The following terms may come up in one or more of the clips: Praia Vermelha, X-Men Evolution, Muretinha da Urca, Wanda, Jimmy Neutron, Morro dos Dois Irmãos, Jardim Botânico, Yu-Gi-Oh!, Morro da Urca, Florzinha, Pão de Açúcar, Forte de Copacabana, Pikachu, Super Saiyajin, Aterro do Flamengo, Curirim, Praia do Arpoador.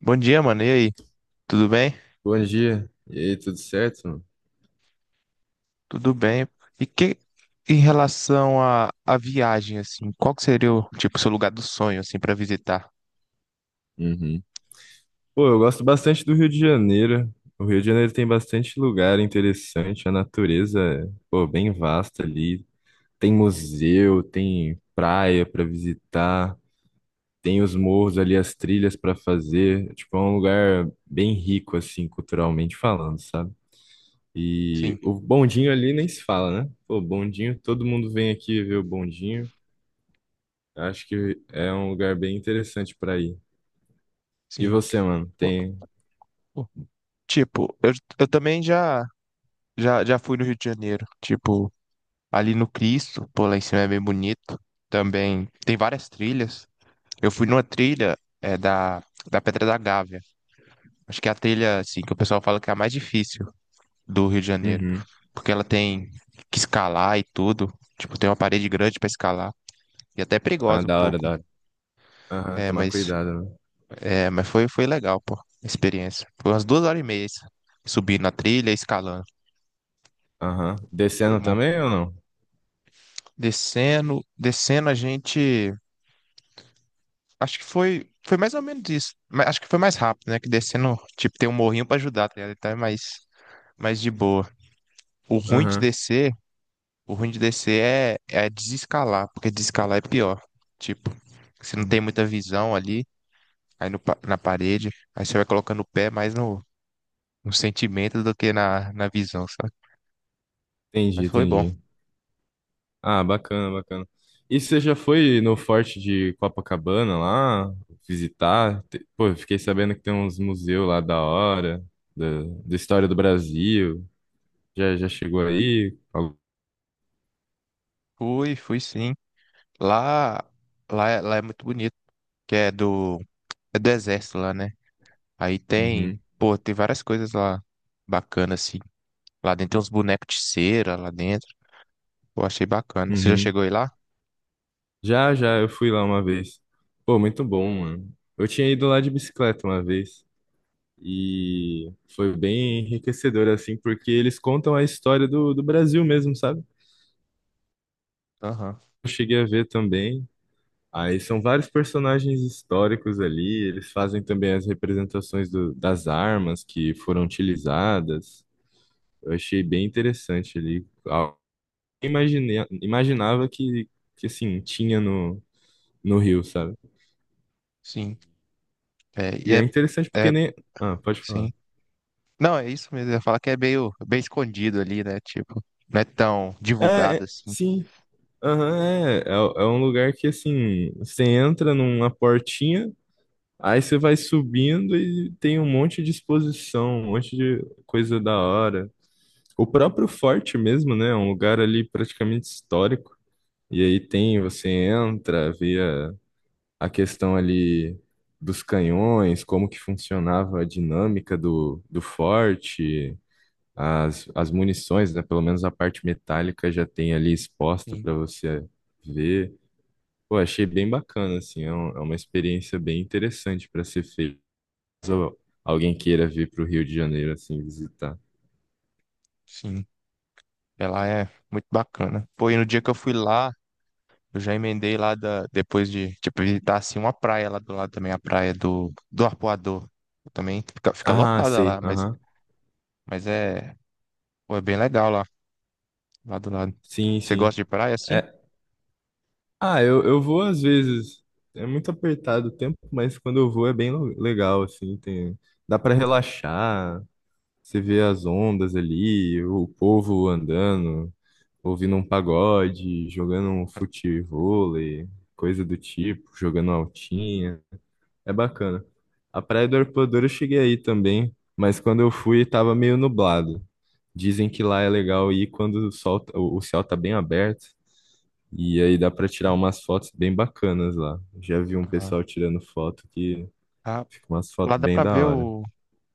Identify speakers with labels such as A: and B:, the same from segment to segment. A: Bom dia, mano. E aí? Tudo bem?
B: Bom dia. E aí, tudo certo, mano?
A: Tudo bem. E que em relação à viagem, assim, qual que seria o tipo seu lugar do sonho, assim, para visitar?
B: Uhum. Pô, eu gosto bastante do Rio de Janeiro. O Rio de Janeiro tem bastante lugar interessante, a natureza é, pô, bem vasta ali. Tem museu, tem praia pra visitar, tem os morros ali, as trilhas pra fazer. Tipo, é um lugar bem rico, assim, culturalmente falando, sabe? E
A: Sim,
B: o bondinho ali nem se fala, né? Pô, bondinho, todo mundo vem aqui ver o bondinho. Acho que é um lugar bem interessante pra ir. E
A: sim.
B: você, mano,
A: O-
B: tem.
A: o- Tipo, eu também já fui no Rio de Janeiro. Tipo, ali no Cristo, pô, lá em cima é bem bonito. Também tem várias trilhas. Eu fui numa trilha da da Pedra da Gávea. Acho que é a trilha assim que o pessoal fala que é a mais difícil do Rio de Janeiro,
B: Uhum.
A: porque ela tem que escalar e tudo, tipo, tem uma parede grande para escalar e até é
B: Ah,
A: perigosa um
B: da hora,
A: pouco.
B: da hora. Aham,
A: é,
B: tomar
A: mas
B: cuidado, né?
A: é, mas foi legal, pô, a experiência. Foi umas 2 horas e meia isso, subindo na trilha, e escalando,
B: Aham.
A: foi
B: Descendo
A: bom.
B: também ou não?
A: Descendo, a gente, acho que foi mais ou menos isso, mas acho que foi mais rápido, né? Que descendo, tipo, tem um morrinho para ajudar, tá ligado? Então é mais de boa. O ruim de
B: Aham.
A: descer O ruim de descer é desescalar, porque desescalar é pior. Tipo, você não
B: Hum.
A: tem muita visão ali, aí no, pa- na parede, aí você vai colocando o pé mais no sentimento do que na visão, sabe?
B: Entendi,
A: Mas foi bom.
B: entendi. Ah, bacana, bacana. E você já foi no Forte de Copacabana lá visitar? Pô, eu fiquei sabendo que tem uns museus lá da hora, da, da história do Brasil. Já, já chegou aí? Al-
A: Fui, fui sim. Lá, lá é muito bonito, que é do exército lá, né? Aí tem,
B: Uhum,
A: pô, tem várias coisas lá bacanas, assim. Lá dentro tem uns bonecos de cera, lá dentro. Pô, achei bacana. Você já
B: uhum.
A: chegou aí lá?
B: Já, já, eu fui lá uma vez. Pô, muito bom, mano. Eu tinha ido lá de bicicleta uma vez. E foi bem enriquecedor, assim, porque eles contam a história do Brasil mesmo, sabe?
A: Aham.
B: Eu cheguei a ver também. Aí são vários personagens históricos ali, eles fazem também as representações das armas que foram utilizadas. Eu achei bem interessante ali. Ah, imaginei, imaginava que assim, tinha no Rio, sabe?
A: Sim. É, e
B: E
A: é,
B: é interessante porque
A: é,
B: nem. Ah, pode falar.
A: sim. Não, é isso mesmo. Eu ia falar que é meio bem escondido ali, né? Tipo, não é tão
B: É,
A: divulgado
B: é,
A: assim.
B: sim. Aham, é, é, é um lugar que assim, você entra numa portinha, aí você vai subindo e tem um monte de exposição, um monte de coisa da hora. O próprio forte mesmo, né? É um lugar ali praticamente histórico. E aí tem, você entra, a questão ali dos canhões, como que funcionava a dinâmica do forte, as munições, né? Pelo menos a parte metálica já tem ali exposta
A: Sim,
B: para você ver. Pô, achei bem bacana, assim, é, é uma experiência bem interessante para ser feita. Caso alguém queira vir para o Rio de Janeiro, assim, visitar.
A: sim. Ela é muito bacana. Pô, e no dia que eu fui lá, eu já emendei lá da, depois de, tipo, visitar assim uma praia lá do lado também, a praia do Arpoador. Também fica
B: Ah,
A: lotada
B: sei,
A: lá,
B: aham.
A: mas é, pô, é bem legal lá do lado.
B: Sim,
A: Você
B: sim.
A: gosta de praia assim?
B: É, ah, eu vou às vezes, é muito apertado o tempo, mas quando eu vou é bem legal, assim, tem, dá para relaxar, você vê as ondas ali, o povo andando, ouvindo um pagode, jogando um futevôlei, coisa do tipo, jogando altinha. É bacana. A Praia do Arpoador eu cheguei aí também, mas quando eu fui tava meio nublado. Dizem que lá é legal ir quando o sol, o céu tá bem aberto e aí dá pra tirar
A: É.
B: umas fotos bem bacanas lá. Já vi um
A: Ah,
B: pessoal tirando foto que
A: ah,
B: fica umas
A: lá
B: fotos
A: dá
B: bem
A: pra
B: da
A: ver
B: hora.
A: o,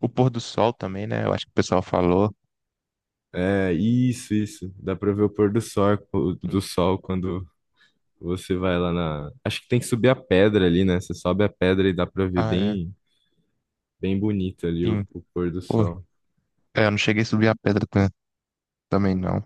A: o pôr do sol também, né? Eu acho que o pessoal falou.
B: É, isso, isso. Dá pra ver o pôr do sol, do sol quando você vai lá na. Acho que tem que subir a pedra ali, né? Você sobe a pedra e dá pra ver
A: Ah, é.
B: bem, bem bonito ali
A: Sim.
B: o pôr do
A: Pô,
B: sol.
A: eu não cheguei a subir a pedra também, não.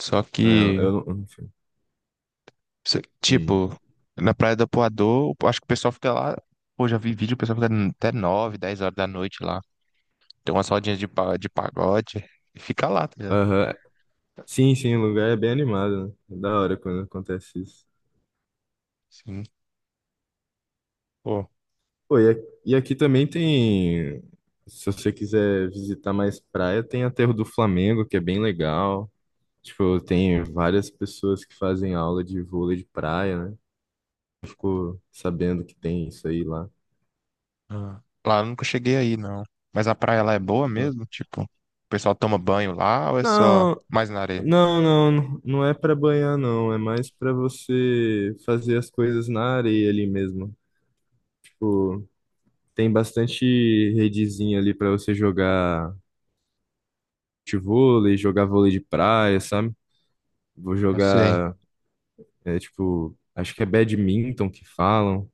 A: Só
B: É,
A: que,
B: eu não. Hum.
A: tipo, na Praia do Apoador, eu acho que o pessoal fica lá. Pô, já vi vídeo, o pessoal fica até 9, 10 horas da noite lá. Tem umas rodinhas de pagode e fica lá, tá ligado?
B: Aham. Sim, sim, o lugar é bem animado, né? É da hora quando acontece isso.
A: Sim. Pô,
B: Pô, e aqui também tem. Se você quiser visitar mais praia, tem Aterro do Flamengo, que é bem legal. Tipo, tem várias pessoas que fazem aula de vôlei de praia, né? Ficou sabendo que tem isso aí lá.
A: ah, lá eu nunca cheguei aí, não. Mas a praia lá é boa
B: Não,
A: mesmo? Tipo, o pessoal toma banho lá ou é só
B: não,
A: mais na areia?
B: não, não, não é pra banhar, não. É mais pra você fazer as coisas na areia ali mesmo. Tipo, tem bastante redezinha ali pra você jogar vôlei de praia, sabe? Vou
A: Não sei.
B: jogar, é tipo, acho que é badminton que falam.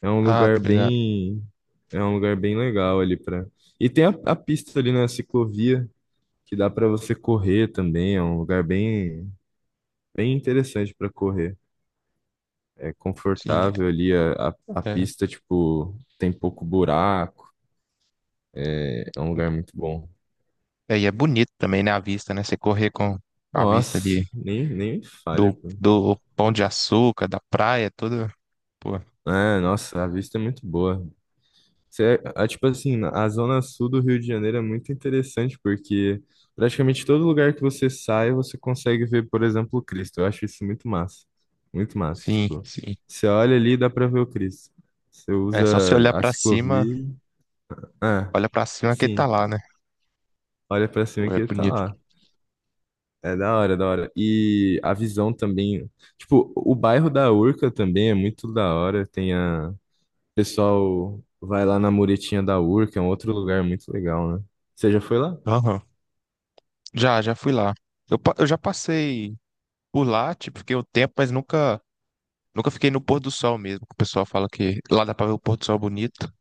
B: É um
A: Ah,
B: lugar
A: tá ligado.
B: bem, é um lugar bem legal ali pra. E tem a pista ali na ciclovia que dá pra você correr também. É um lugar bem, bem interessante pra correr. É
A: Sim,
B: confortável ali a
A: é.
B: pista, tipo, tem pouco buraco. É um
A: É.
B: lugar muito bom.
A: É, e é bonito também, né, a vista, né? Você correr com a vista
B: Nossa,
A: de
B: nem me fale,
A: do,
B: pô.
A: do Pão de Açúcar, da praia, toda. Pô,
B: É, nossa, a vista é muito boa. É, ah, tipo assim, a zona sul do Rio de Janeiro é muito interessante porque praticamente todo lugar que você sai, você consegue ver, por exemplo, o Cristo. Eu acho isso muito massa. Muito massa.
A: sim,
B: Tipo,
A: sim.
B: você olha ali e dá pra ver o Cristo. Você
A: É
B: usa
A: só você olhar
B: a
A: pra cima,
B: ciclovia. Ah,
A: olha pra cima que ele tá
B: sim.
A: lá, né?
B: Olha pra cima
A: Pô, é
B: que ele tá
A: bonito.
B: lá. É da hora, da hora. E a visão também. Tipo, o bairro da Urca também é muito da hora. Tem a pessoal vai lá na Muretinha da Urca, é um outro lugar muito legal, né? Você já foi lá?
A: Aham. Já fui lá. Eu já passei por lá, tipo, fiquei um tempo, mas nunca fiquei no pôr do sol mesmo. O pessoal fala que lá dá pra ver o pôr do sol bonito,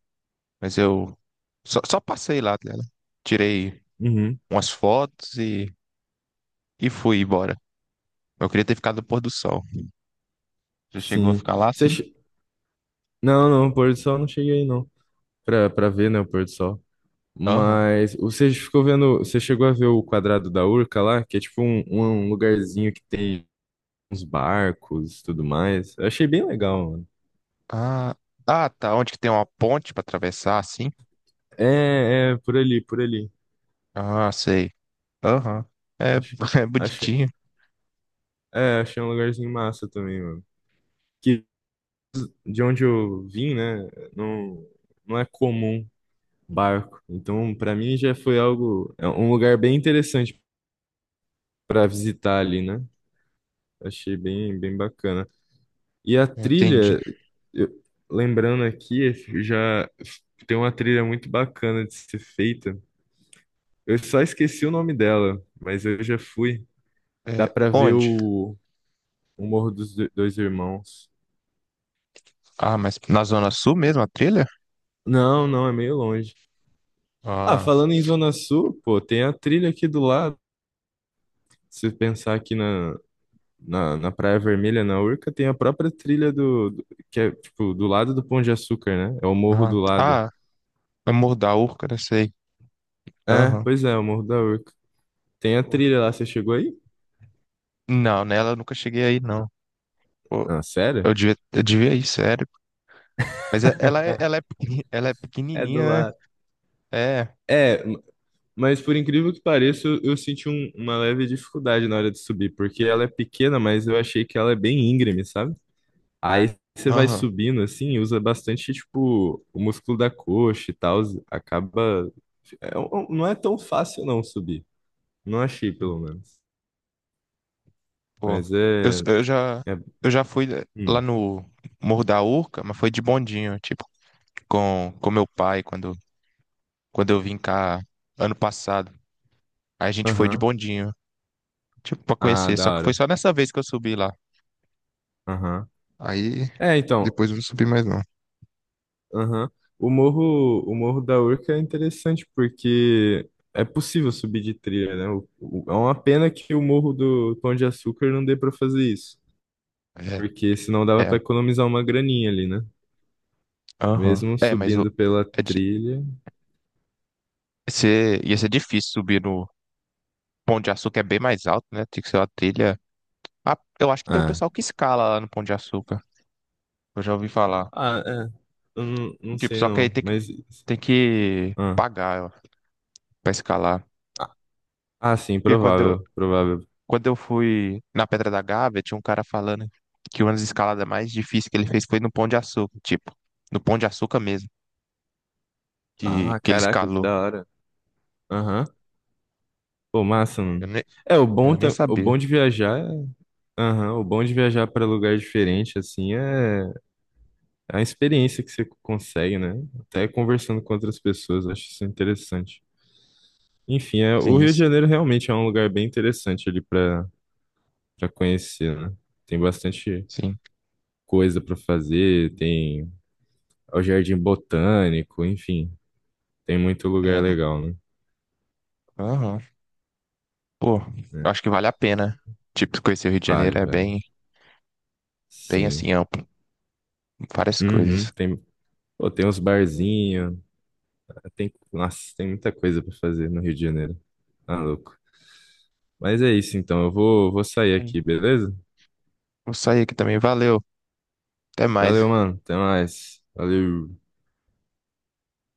A: mas eu só passei lá, tá ligado? Tirei
B: Uhum.
A: umas fotos e fui embora. Eu queria ter ficado no pôr do sol. Já chegou a
B: Sim.
A: ficar lá,
B: Você...
A: sim?
B: che- Não, não, o pôr do sol eu não cheguei aí, não. Pra ver, né, o pôr do sol.
A: Aham.
B: Mas você ficou vendo, você chegou a ver o quadrado da Urca lá, que é tipo um, um lugarzinho que tem uns barcos e tudo mais. Eu achei bem legal, mano.
A: Ah, ah, tá. Onde que tem uma ponte pra atravessar, assim?
B: É, é, por ali, por ali.
A: Ah, sei. Aham. É,
B: Acho,
A: é
B: acho,
A: bonitinho.
B: é, achei um lugarzinho massa também, mano. Que de onde eu vim, né, não, não é comum barco. Então, para mim já foi algo, é um lugar bem interessante para visitar ali, né? Achei bem, bem bacana. E a
A: Entendi.
B: trilha, eu- lembrando aqui, já tem uma trilha muito bacana de ser feita. Eu só esqueci o nome dela, mas eu já fui. Dá
A: É,
B: para ver
A: onde?
B: o Dois Irmãos.
A: Ah, mas na Zona Sul mesmo, a trilha?
B: Não, não, é meio longe. Ah,
A: Ah,
B: falando em Zona Sul, pô, tem a trilha aqui do lado. Se pensar aqui na, na Praia Vermelha, na Urca, tem a própria trilha que é, tipo, do lado do Pão de Açúcar, né? É o morro
A: ah,
B: do lado.
A: ah, é Morro da Urca, né? Sei.
B: É,
A: Aham.
B: pois é, o morro da Urca. Tem a trilha lá, você chegou aí?
A: Não, nela eu nunca cheguei aí, não. Pô,
B: Ah, sério?
A: eu devia ir, sério. Mas é- ela é, ela é
B: É
A: pequenininha,
B: do
A: né?
B: lado.
A: É.
B: É, mas por incrível que pareça, eu senti uma leve dificuldade na hora de subir, porque ela é pequena, mas eu achei que ela é bem íngreme, sabe? Aí você vai
A: Aham.
B: subindo assim, usa bastante, tipo, o músculo da coxa e tal, acaba. É não é tão fácil não subir. Não achei, pelo menos.
A: Pô,
B: Mas
A: eu,
B: é.
A: eu já,
B: É...
A: eu já fui lá
B: Hum.
A: no Morro da Urca, mas foi de bondinho, tipo, com meu pai, quando eu vim cá ano passado. Aí a gente foi de
B: Aham.
A: bondinho, tipo, pra
B: Ah,
A: conhecer.
B: da
A: Só que foi
B: hora.
A: só nessa vez que eu subi lá.
B: Aham.
A: Aí
B: É, então.
A: depois eu não subi mais não.
B: Aham. O Morro da Urca é interessante porque é possível subir de trilha, né? É uma pena que o Morro do Pão de Açúcar não dê pra fazer isso.
A: É,
B: Porque senão dava pra
A: é,
B: economizar uma graninha ali, né?
A: aham.
B: Mesmo
A: É, mas o,
B: subindo pela
A: é de,
B: trilha.
A: ser, ia ser difícil subir no Pão de Açúcar, é bem mais alto, né? Tem que ser uma trilha. Ah, eu acho que tem um
B: Ah.
A: pessoal que escala lá no Pão de Açúcar. Eu já ouvi falar.
B: Ah, é. Eu não, não
A: Tipo,
B: sei
A: só que aí
B: não.
A: tem que
B: Mas.
A: tem que
B: Ah.
A: pagar para escalar.
B: Ah, sim,
A: Porque quando eu,
B: provável. Provável.
A: quando eu fui na Pedra da Gávea, tinha um cara falando que uma das escaladas mais difíceis que ele fez foi no Pão de Açúcar, tipo, no Pão de Açúcar mesmo,
B: Ah,
A: que ele
B: caraca, que
A: escalou.
B: da hora. Aham. Pô, massa,
A: Eu
B: mano.
A: nem,
B: É, o
A: eu
B: bom,
A: nem
B: o
A: sabia.
B: bom de viajar, aham, o bom de viajar para lugar diferente, assim, é a experiência que você consegue, né? Até conversando com outras pessoas, eu acho isso interessante. Enfim, é, o
A: Sim,
B: Rio de
A: isso,
B: Janeiro realmente é um lugar bem interessante ali para conhecer, né? Tem bastante
A: sim.
B: coisa para fazer, tem o Jardim Botânico, enfim, tem muito
A: É,
B: lugar legal, né?
A: aham. Pô,
B: É,
A: eu acho que vale a pena. Tipo, conhecer o Rio de
B: vale,
A: Janeiro é
B: velho.
A: bem, bem assim,
B: Sim.
A: amplo, várias
B: Uhum,
A: coisas.
B: tem, pô, tem uns barzinhos. Tem, nossa, tem muita coisa pra fazer no Rio de Janeiro. Tá louco. Mas é isso, então. Eu vou, vou sair
A: Aí,
B: aqui, beleza?
A: vou sair aqui também, valeu, até mais.
B: Valeu, mano. Até mais. Valeu.